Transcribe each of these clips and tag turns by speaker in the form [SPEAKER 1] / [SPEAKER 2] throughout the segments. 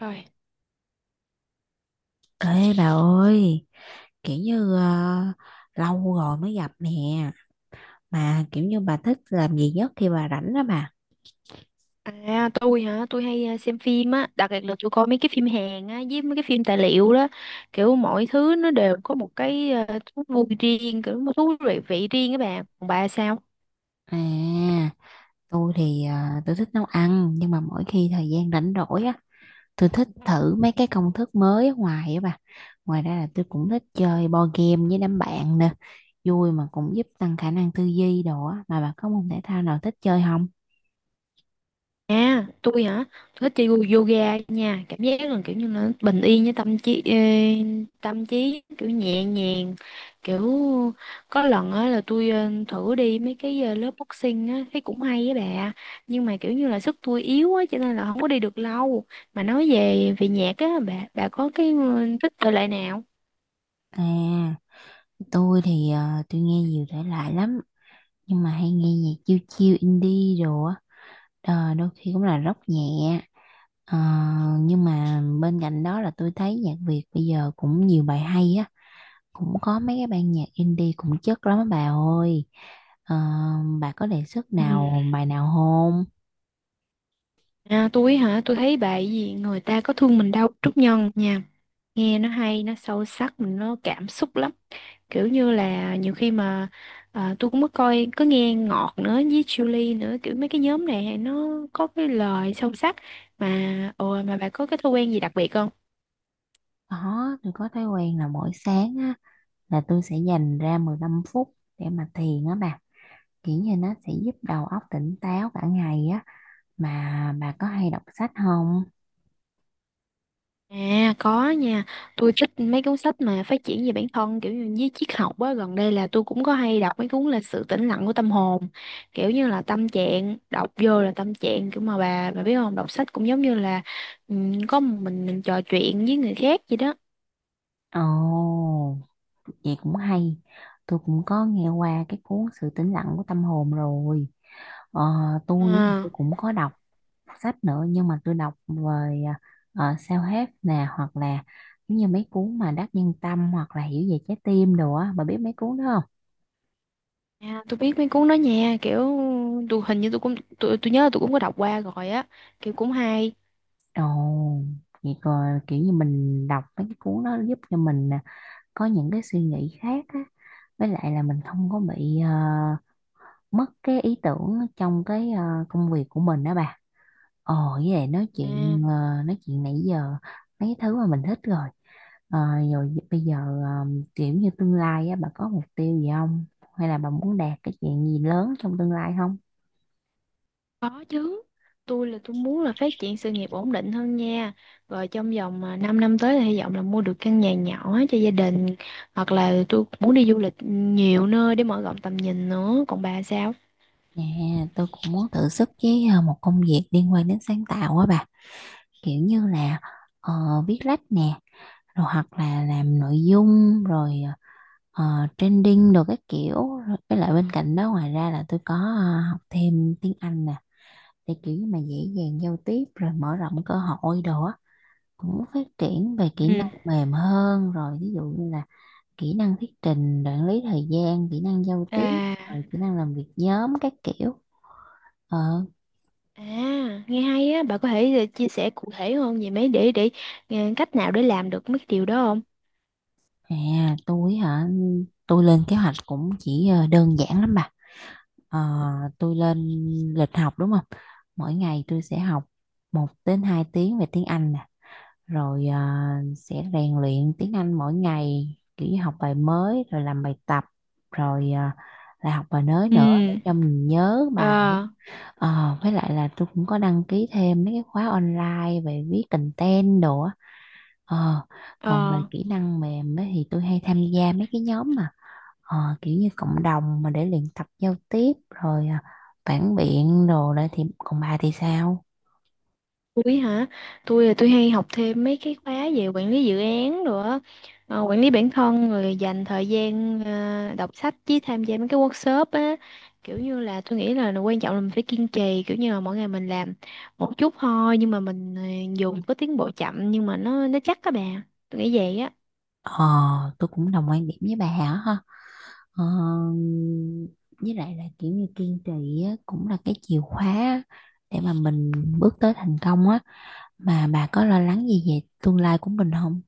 [SPEAKER 1] Rồi.
[SPEAKER 2] Ê bà ơi, kiểu như ờ, lâu rồi mới gặp nè, mà kiểu như bà thích làm gì nhất khi bà rảnh đó bà.
[SPEAKER 1] À, tôi hả? Tôi hay xem phim á, đặc biệt là tôi coi mấy cái phim Hàn á với mấy cái phim tài liệu đó, kiểu mọi thứ nó đều có một cái thú vui riêng, kiểu một thú vị vị riêng các bạn. Còn bà sao?
[SPEAKER 2] À, tôi thì ờ, tôi thích nấu ăn, nhưng mà mỗi khi thời gian rảnh rỗi á, tôi thích thử mấy cái công thức mới ở ngoài á bà. Ngoài ra là tôi cũng thích chơi board game với đám bạn nè, vui mà cũng giúp tăng khả năng tư duy đồ á, mà bà có môn thể thao nào thích chơi không?
[SPEAKER 1] À, tôi hả? Tôi thích chơi yoga nha, cảm giác là kiểu như là bình yên với tâm trí kiểu nhẹ nhàng. Kiểu có lần á là tôi thử đi mấy cái lớp boxing á, thấy cũng hay á bà. Nhưng mà kiểu như là sức tôi yếu á cho nên là không có đi được lâu. Mà nói về về nhạc á bà có cái thích thể loại nào?
[SPEAKER 2] À, tôi nghe nhiều thể loại lắm nhưng mà hay nghe nhạc chill chill indie đồ á. Ờ, đôi khi cũng là rock nhẹ. Ờ, nhưng mà bên cạnh đó là tôi thấy nhạc Việt bây giờ cũng nhiều bài hay á, cũng có mấy cái ban nhạc indie cũng chất lắm á bà ơi. Ờ, bà có đề xuất
[SPEAKER 1] Ừ.
[SPEAKER 2] nào bài nào không?
[SPEAKER 1] À, tôi hả? Tôi thấy bài gì người ta có thương mình đâu Trúc Nhân nha. Nghe nó hay, nó sâu sắc, nó cảm xúc lắm. Kiểu như là nhiều khi mà tôi cũng mới coi có nghe Ngọt nữa với Julie nữa, kiểu mấy cái nhóm này nó có cái lời sâu sắc. Mà ồ, mà bà có cái thói quen gì đặc biệt không?
[SPEAKER 2] Có, tôi có thói quen là mỗi sáng á, là tôi sẽ dành ra 15 phút để mà thiền á bà, kiểu như nó sẽ giúp đầu óc tỉnh táo cả ngày á. Mà bà có hay đọc sách không?
[SPEAKER 1] À, có nha. Tôi thích mấy cuốn sách mà phát triển về bản thân, kiểu như với triết học á. Gần đây là tôi cũng có hay đọc mấy cuốn là Sự tĩnh lặng của tâm hồn. Kiểu như là tâm trạng đọc vô là tâm trạng, kiểu mà bà biết không, đọc sách cũng giống như là, ừ, có một mình trò chuyện với người khác vậy đó.
[SPEAKER 2] Ồ, vậy cũng hay. Tôi cũng có nghe qua cái cuốn Sự tĩnh lặng của tâm hồn rồi. Ờ, tôi
[SPEAKER 1] À.
[SPEAKER 2] cũng có đọc sách nữa, nhưng mà tôi đọc về self-help nè, hoặc là giống như mấy cuốn mà Đắc Nhân Tâm hoặc là Hiểu về trái tim đồ á. Bà biết mấy cuốn đó không?
[SPEAKER 1] À, tôi biết mấy cuốn đó nha, kiểu tôi hình như tôi cũng tôi nhớ là tôi cũng có đọc qua rồi á, kiểu cũng hay.
[SPEAKER 2] Ồ, vậy còn kiểu như mình đọc mấy cái cuốn đó giúp cho mình à, có những cái suy nghĩ khác á. Với lại là mình không có bị mất cái ý tưởng trong cái công việc của mình đó bà. Ồ, với lại
[SPEAKER 1] à,
[SPEAKER 2] nói chuyện nãy giờ mấy thứ mà mình thích rồi. Ờ, Rồi bây giờ ờ, kiểu như tương lai á, bà có mục tiêu gì không? Hay là bà muốn đạt cái chuyện gì lớn trong tương lai không?
[SPEAKER 1] có chứ, tôi là tôi muốn là phát triển sự nghiệp ổn định hơn nha, rồi trong vòng 5 năm năm tới thì hy vọng là mua được căn nhà nhỏ cho gia đình, hoặc là tôi muốn đi du lịch nhiều nơi để mở rộng tầm nhìn nữa. Còn bà sao?
[SPEAKER 2] Dạ, tôi cũng muốn thử sức với một công việc liên quan đến sáng tạo á bà. Kiểu như là ờ, viết lách nè, rồi hoặc là làm nội dung, rồi trending, rồi các kiểu. Rồi với lại bên cạnh đó ngoài ra là tôi có học thêm tiếng Anh nè, để kiểu như mà dễ dàng giao tiếp rồi mở rộng cơ hội đó, cũng phát triển về kỹ
[SPEAKER 1] Ừ.
[SPEAKER 2] năng mềm hơn. Rồi ví dụ như là kỹ năng thuyết trình, quản lý thời gian, kỹ năng giao tiếp, rồi
[SPEAKER 1] À.
[SPEAKER 2] kỹ năng làm việc nhóm các kiểu. ờ
[SPEAKER 1] À, nghe hay á. Bà có thể chia sẻ cụ thể hơn về mấy để cách nào để làm được mấy cái điều đó không?
[SPEAKER 2] À, tôi hả? Tôi lên kế hoạch cũng chỉ đơn giản lắm bà. Ờ, tôi lên lịch học, đúng không, mỗi ngày tôi sẽ học 1 đến 2 tiếng về tiếng Anh nè, rồi à, sẽ rèn luyện tiếng Anh mỗi ngày kiểu như học bài mới rồi làm bài tập, rồi à, lại học bài mới nữa để
[SPEAKER 1] Ừ.
[SPEAKER 2] cho mình nhớ bài.
[SPEAKER 1] Ờ.
[SPEAKER 2] Ờ, với lại là tôi cũng có đăng ký thêm mấy cái khóa online về viết content đồ á. Ờ, còn về
[SPEAKER 1] Ờ.
[SPEAKER 2] kỹ năng mềm ấy, thì tôi hay tham gia mấy cái nhóm mà kiểu như cộng đồng mà để luyện tập giao tiếp rồi à, phản biện đồ đấy. Thì còn bà thì sao?
[SPEAKER 1] Tôi hả? Tôi là tôi hay học thêm mấy cái khóa về quản lý dự án, rồi nữa, quản lý bản thân, rồi dành thời gian đọc sách với tham gia mấy cái workshop á. Kiểu như là tôi nghĩ là quan trọng là mình phải kiên trì, kiểu như là mỗi ngày mình làm một chút thôi, nhưng mà mình dù có tiến bộ chậm nhưng mà nó chắc các bạn. Tôi nghĩ vậy á.
[SPEAKER 2] ờ tôi cũng đồng quan điểm với bà hả. Ờ, với lại là kiểu như kiên trì á, cũng là cái chìa khóa để mà mình bước tới thành công á. Mà bà có lo lắng gì về tương lai của mình không?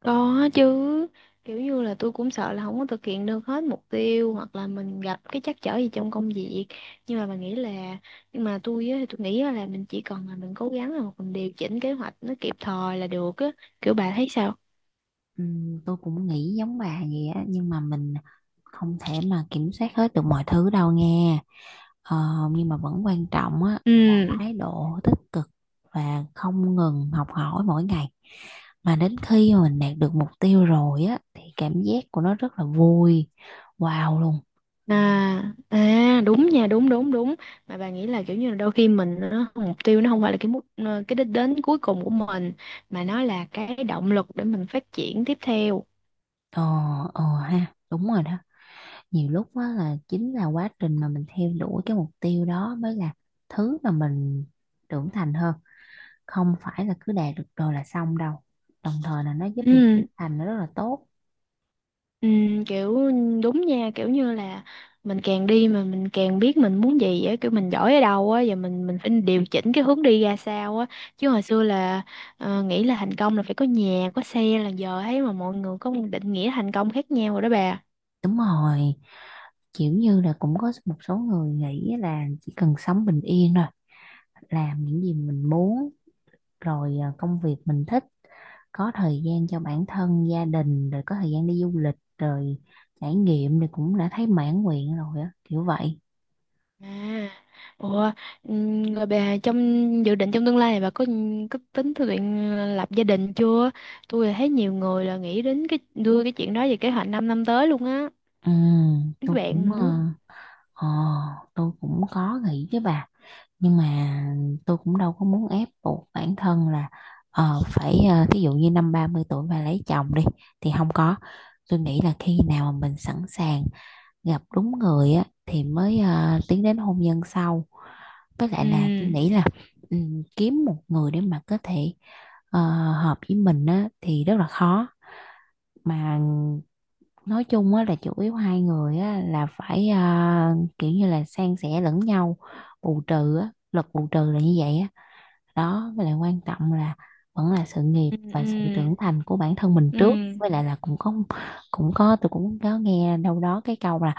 [SPEAKER 1] Có chứ, kiểu như là tôi cũng sợ là không có thực hiện được hết mục tiêu hoặc là mình gặp cái trắc trở gì trong công việc. Nhưng mà mình nghĩ là nhưng mà tôi á, thì tôi nghĩ á là mình chỉ cần là mình cố gắng là mình điều chỉnh kế hoạch nó kịp thời là được á. Kiểu bà thấy sao?
[SPEAKER 2] Tôi cũng nghĩ giống bà vậy á, nhưng mà mình không thể mà kiểm soát hết được mọi thứ đâu nghe. Ờ, nhưng mà vẫn quan trọng á,
[SPEAKER 1] Ừ.
[SPEAKER 2] thái độ tích cực và không ngừng học hỏi mỗi ngày, mà đến khi mà mình đạt được mục tiêu rồi á thì cảm giác của nó rất là vui, wow luôn.
[SPEAKER 1] À, à, đúng nha, đúng đúng đúng. Mà bà nghĩ là kiểu như là đôi khi mình nó mục tiêu nó không phải là cái đích đến cuối cùng của mình, mà nó là cái động lực để mình phát triển tiếp theo.
[SPEAKER 2] Ờ, ờ ha, đúng rồi đó. Nhiều lúc á là chính là quá trình mà mình theo đuổi cái mục tiêu đó mới là thứ mà mình trưởng thành hơn. Không phải là cứ đạt được rồi là xong đâu. Đồng thời là nó giúp mình
[SPEAKER 1] Ừ.
[SPEAKER 2] thành nó rất là tốt.
[SPEAKER 1] Ừ, kiểu đúng nha, kiểu như là mình càng đi mà mình càng biết mình muốn gì á, kiểu mình giỏi ở đâu á và mình phải điều chỉnh cái hướng đi ra sao á. Chứ hồi xưa là nghĩ là thành công là phải có nhà có xe, là giờ thấy mà mọi người có một định nghĩa thành công khác nhau rồi đó bà.
[SPEAKER 2] Đúng rồi, kiểu như là cũng có một số người nghĩ là chỉ cần sống bình yên rồi, làm những gì mình muốn, rồi à, công việc mình thích, có thời gian cho bản thân gia đình, rồi có thời gian đi du lịch rồi trải nghiệm thì cũng đã thấy mãn nguyện rồi á kiểu vậy.
[SPEAKER 1] à Ủa, rồi bà trong dự định trong tương lai này bà có tính thực hiện lập gia đình chưa? Tôi là thấy nhiều người là nghĩ đến cái đưa cái chuyện đó về kế hoạch 5 năm năm tới luôn á,
[SPEAKER 2] Ừ,
[SPEAKER 1] các
[SPEAKER 2] tôi
[SPEAKER 1] bạn
[SPEAKER 2] cũng
[SPEAKER 1] mình
[SPEAKER 2] ờ,
[SPEAKER 1] á.
[SPEAKER 2] ờ, tôi cũng có nghĩ với bà, nhưng mà tôi cũng đâu có muốn ép buộc bản thân là phải thí dụ như năm 30 tuổi mà lấy chồng đi thì không có. Tôi nghĩ là khi nào mà mình sẵn sàng gặp đúng người á thì mới tiến đến hôn nhân sau. Với lại
[SPEAKER 1] Ừ,
[SPEAKER 2] là tôi nghĩ là kiếm một người để mà có thể ờ, hợp với mình á, thì rất là khó. Mà nói chung á, là chủ yếu hai người á, là phải kiểu như là san sẻ lẫn nhau, bù trừ á, luật bù trừ là như vậy á đó. Với lại quan trọng là vẫn là sự nghiệp
[SPEAKER 1] ừ,
[SPEAKER 2] và
[SPEAKER 1] ừ,
[SPEAKER 2] sự trưởng thành của bản thân mình
[SPEAKER 1] ừ.
[SPEAKER 2] trước. Với lại là cũng có tôi cũng có nghe đâu đó cái câu là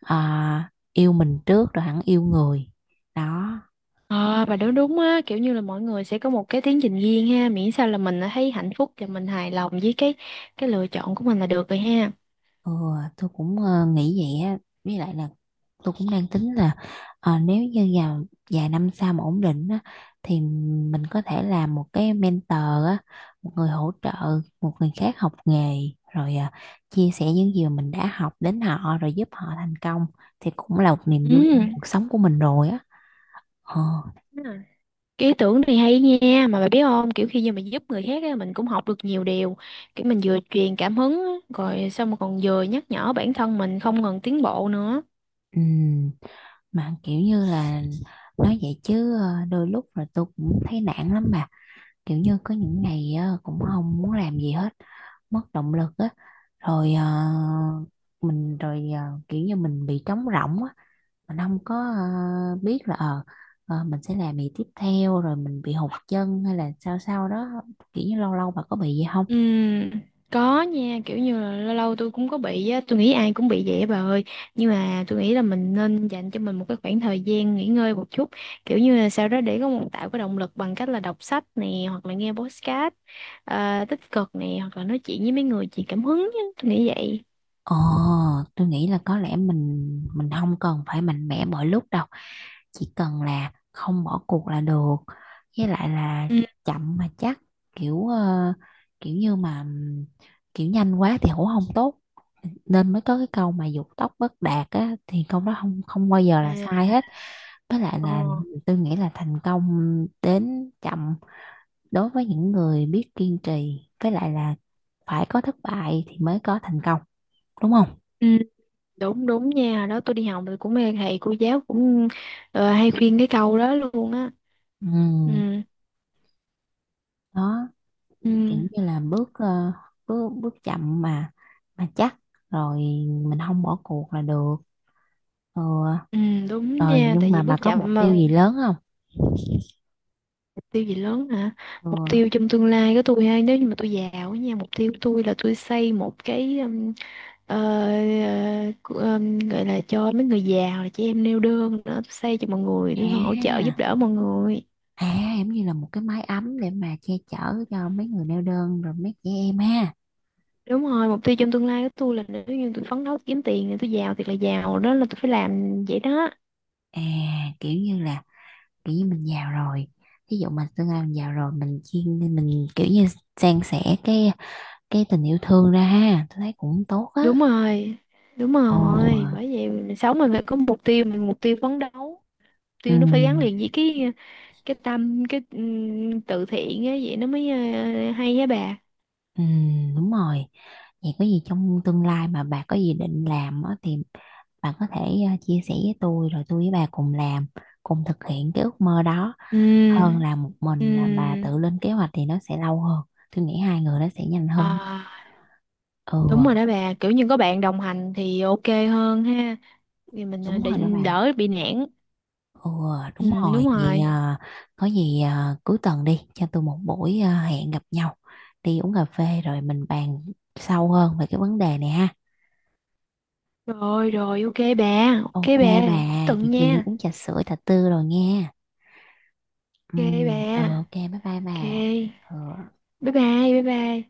[SPEAKER 2] à, yêu mình trước rồi hẳn yêu người đó.
[SPEAKER 1] Ờ bà nói đúng á, kiểu như là mọi người sẽ có một cái tiến trình riêng ha, miễn sao là mình thấy hạnh phúc và mình hài lòng với cái lựa chọn của mình là được rồi ha.
[SPEAKER 2] Ừ, nghĩ vậy á. Với lại là tôi cũng đang tính là nếu như vài năm sau mà ổn định á, thì mình có thể làm một cái mentor á, một người hỗ trợ một người khác học nghề, rồi chia sẻ những gì mà mình đã học đến họ rồi giúp họ thành công thì cũng là một niềm
[SPEAKER 1] Ừ.
[SPEAKER 2] vui trong cuộc sống của mình rồi á. ờ,
[SPEAKER 1] Đúng rồi. Cái ý tưởng này hay nha, mà bà biết không, kiểu khi mà mình giúp người khác á, mình cũng học được nhiều điều, kiểu mình vừa truyền cảm hứng á, rồi xong rồi còn vừa nhắc nhở bản thân mình không ngừng tiến bộ nữa.
[SPEAKER 2] ừm, mà kiểu như là nói vậy chứ đôi lúc là tôi cũng thấy nản lắm. Mà kiểu như có những ngày cũng không muốn làm gì hết, mất động lực á. Rồi ờ, mình rồi ờ, Kiểu như mình bị trống rỗng á, mình không có biết là mình sẽ làm gì tiếp theo, rồi mình bị hụt chân hay là sao sao đó. Kiểu như lâu lâu bà có bị gì không?
[SPEAKER 1] Ừm, có nha, kiểu như là lâu lâu tôi cũng có bị á, tôi nghĩ ai cũng bị vậy á bà ơi. Nhưng mà tôi nghĩ là mình nên dành cho mình một cái khoảng thời gian nghỉ ngơi một chút, kiểu như là sau đó để có một tạo cái động lực bằng cách là đọc sách nè hoặc là nghe podcast tích cực nè, hoặc là nói chuyện với mấy người truyền cảm hứng á, tôi nghĩ vậy.
[SPEAKER 2] Ồ, tôi nghĩ là có lẽ mình không cần phải mạnh mẽ mọi lúc đâu. Chỉ cần là không bỏ cuộc là được. Với lại là
[SPEAKER 1] Ừ.
[SPEAKER 2] chậm mà chắc, kiểu ờ, kiểu như mà kiểu nhanh quá thì cũng không tốt. Nên mới có cái câu mà dục tốc bất đạt á, thì câu đó không, không bao giờ là
[SPEAKER 1] À.
[SPEAKER 2] sai hết. Với lại
[SPEAKER 1] Ờ.
[SPEAKER 2] là tôi nghĩ là thành công đến chậm đối với những người biết kiên trì, với lại là phải có thất bại thì mới có thành công, đúng không?
[SPEAKER 1] Ừ, đúng đúng nha, hồi đó tôi đi học thì cũng mê thầy cô giáo, cũng hay khuyên cái câu đó luôn á.
[SPEAKER 2] Ừ,
[SPEAKER 1] Ừ,
[SPEAKER 2] đó, kiểu
[SPEAKER 1] ừ.
[SPEAKER 2] như là bước bước chậm mà chắc rồi, mình không bỏ cuộc là được. Ừ,
[SPEAKER 1] Ừ, đúng
[SPEAKER 2] rồi
[SPEAKER 1] nha,
[SPEAKER 2] nhưng
[SPEAKER 1] tại
[SPEAKER 2] mà
[SPEAKER 1] vì
[SPEAKER 2] bà
[SPEAKER 1] bước
[SPEAKER 2] có
[SPEAKER 1] chậm
[SPEAKER 2] mục tiêu
[SPEAKER 1] mà.
[SPEAKER 2] gì lớn không?
[SPEAKER 1] Mục tiêu gì lớn hả?
[SPEAKER 2] Ừ.
[SPEAKER 1] Mục tiêu trong tương lai của tôi ha, nếu như mà tôi giàu á nha, mục tiêu của tôi là tôi xây một cái ờ, gọi là cho mấy người giàu là chị em neo đơn nữa, tôi xây cho mọi người, để hỗ trợ
[SPEAKER 2] À,
[SPEAKER 1] giúp đỡ mọi người.
[SPEAKER 2] à giống như là một cái mái ấm để mà che chở cho mấy người neo đơn rồi mấy trẻ em ha.
[SPEAKER 1] Đúng rồi, mục tiêu trong tương lai của tôi là nếu như tôi phấn đấu kiếm tiền thì tôi giàu thiệt là giàu, đó là tôi phải làm vậy đó.
[SPEAKER 2] À, kiểu như là kiểu như mình giàu rồi, ví dụ mà tương lai mình giàu rồi mình chuyên mình kiểu như san sẻ cái tình yêu thương ra ha, tôi thấy cũng tốt á.
[SPEAKER 1] Đúng rồi. Đúng
[SPEAKER 2] Ồ.
[SPEAKER 1] rồi, bởi vậy mình sống mình phải có mục tiêu, mình mục tiêu phấn đấu.
[SPEAKER 2] Ừ.
[SPEAKER 1] Tiêu nó phải gắn liền với cái tâm, cái từ thiện á, vậy nó mới hay á bà.
[SPEAKER 2] Ừ, đúng rồi. Vậy có gì trong tương lai mà bà có gì định làm á, thì bà có thể chia sẻ với tôi rồi tôi với bà cùng làm, cùng thực hiện cái ước mơ đó. Ừ, hơn
[SPEAKER 1] Ừ,
[SPEAKER 2] là một mình là bà
[SPEAKER 1] ừ,
[SPEAKER 2] tự lên kế hoạch thì nó sẽ lâu hơn. Tôi nghĩ hai người nó sẽ nhanh hơn.
[SPEAKER 1] à,
[SPEAKER 2] Ừ,
[SPEAKER 1] đúng rồi đó bà, kiểu như có bạn đồng hành thì ok hơn ha, thì mình
[SPEAKER 2] đúng
[SPEAKER 1] để
[SPEAKER 2] rồi đó bà.
[SPEAKER 1] đỡ bị nản.
[SPEAKER 2] Ừ,
[SPEAKER 1] Ừ,
[SPEAKER 2] đúng
[SPEAKER 1] đúng
[SPEAKER 2] rồi. Vậy
[SPEAKER 1] rồi.
[SPEAKER 2] có gì cuối tuần đi, cho tôi một buổi hẹn gặp nhau, đi uống cà phê rồi mình bàn sâu hơn về cái vấn đề này ha.
[SPEAKER 1] Rồi rồi, ok bà,
[SPEAKER 2] Ok
[SPEAKER 1] ok bà,
[SPEAKER 2] bà,
[SPEAKER 1] cuối tuần
[SPEAKER 2] chị chiều đi
[SPEAKER 1] nha,
[SPEAKER 2] uống trà sữa, trà tư rồi nghe. Ừ,
[SPEAKER 1] ok bà,
[SPEAKER 2] ok bye bye
[SPEAKER 1] ok,
[SPEAKER 2] bà. Ờ.
[SPEAKER 1] bye bye. Bye bye.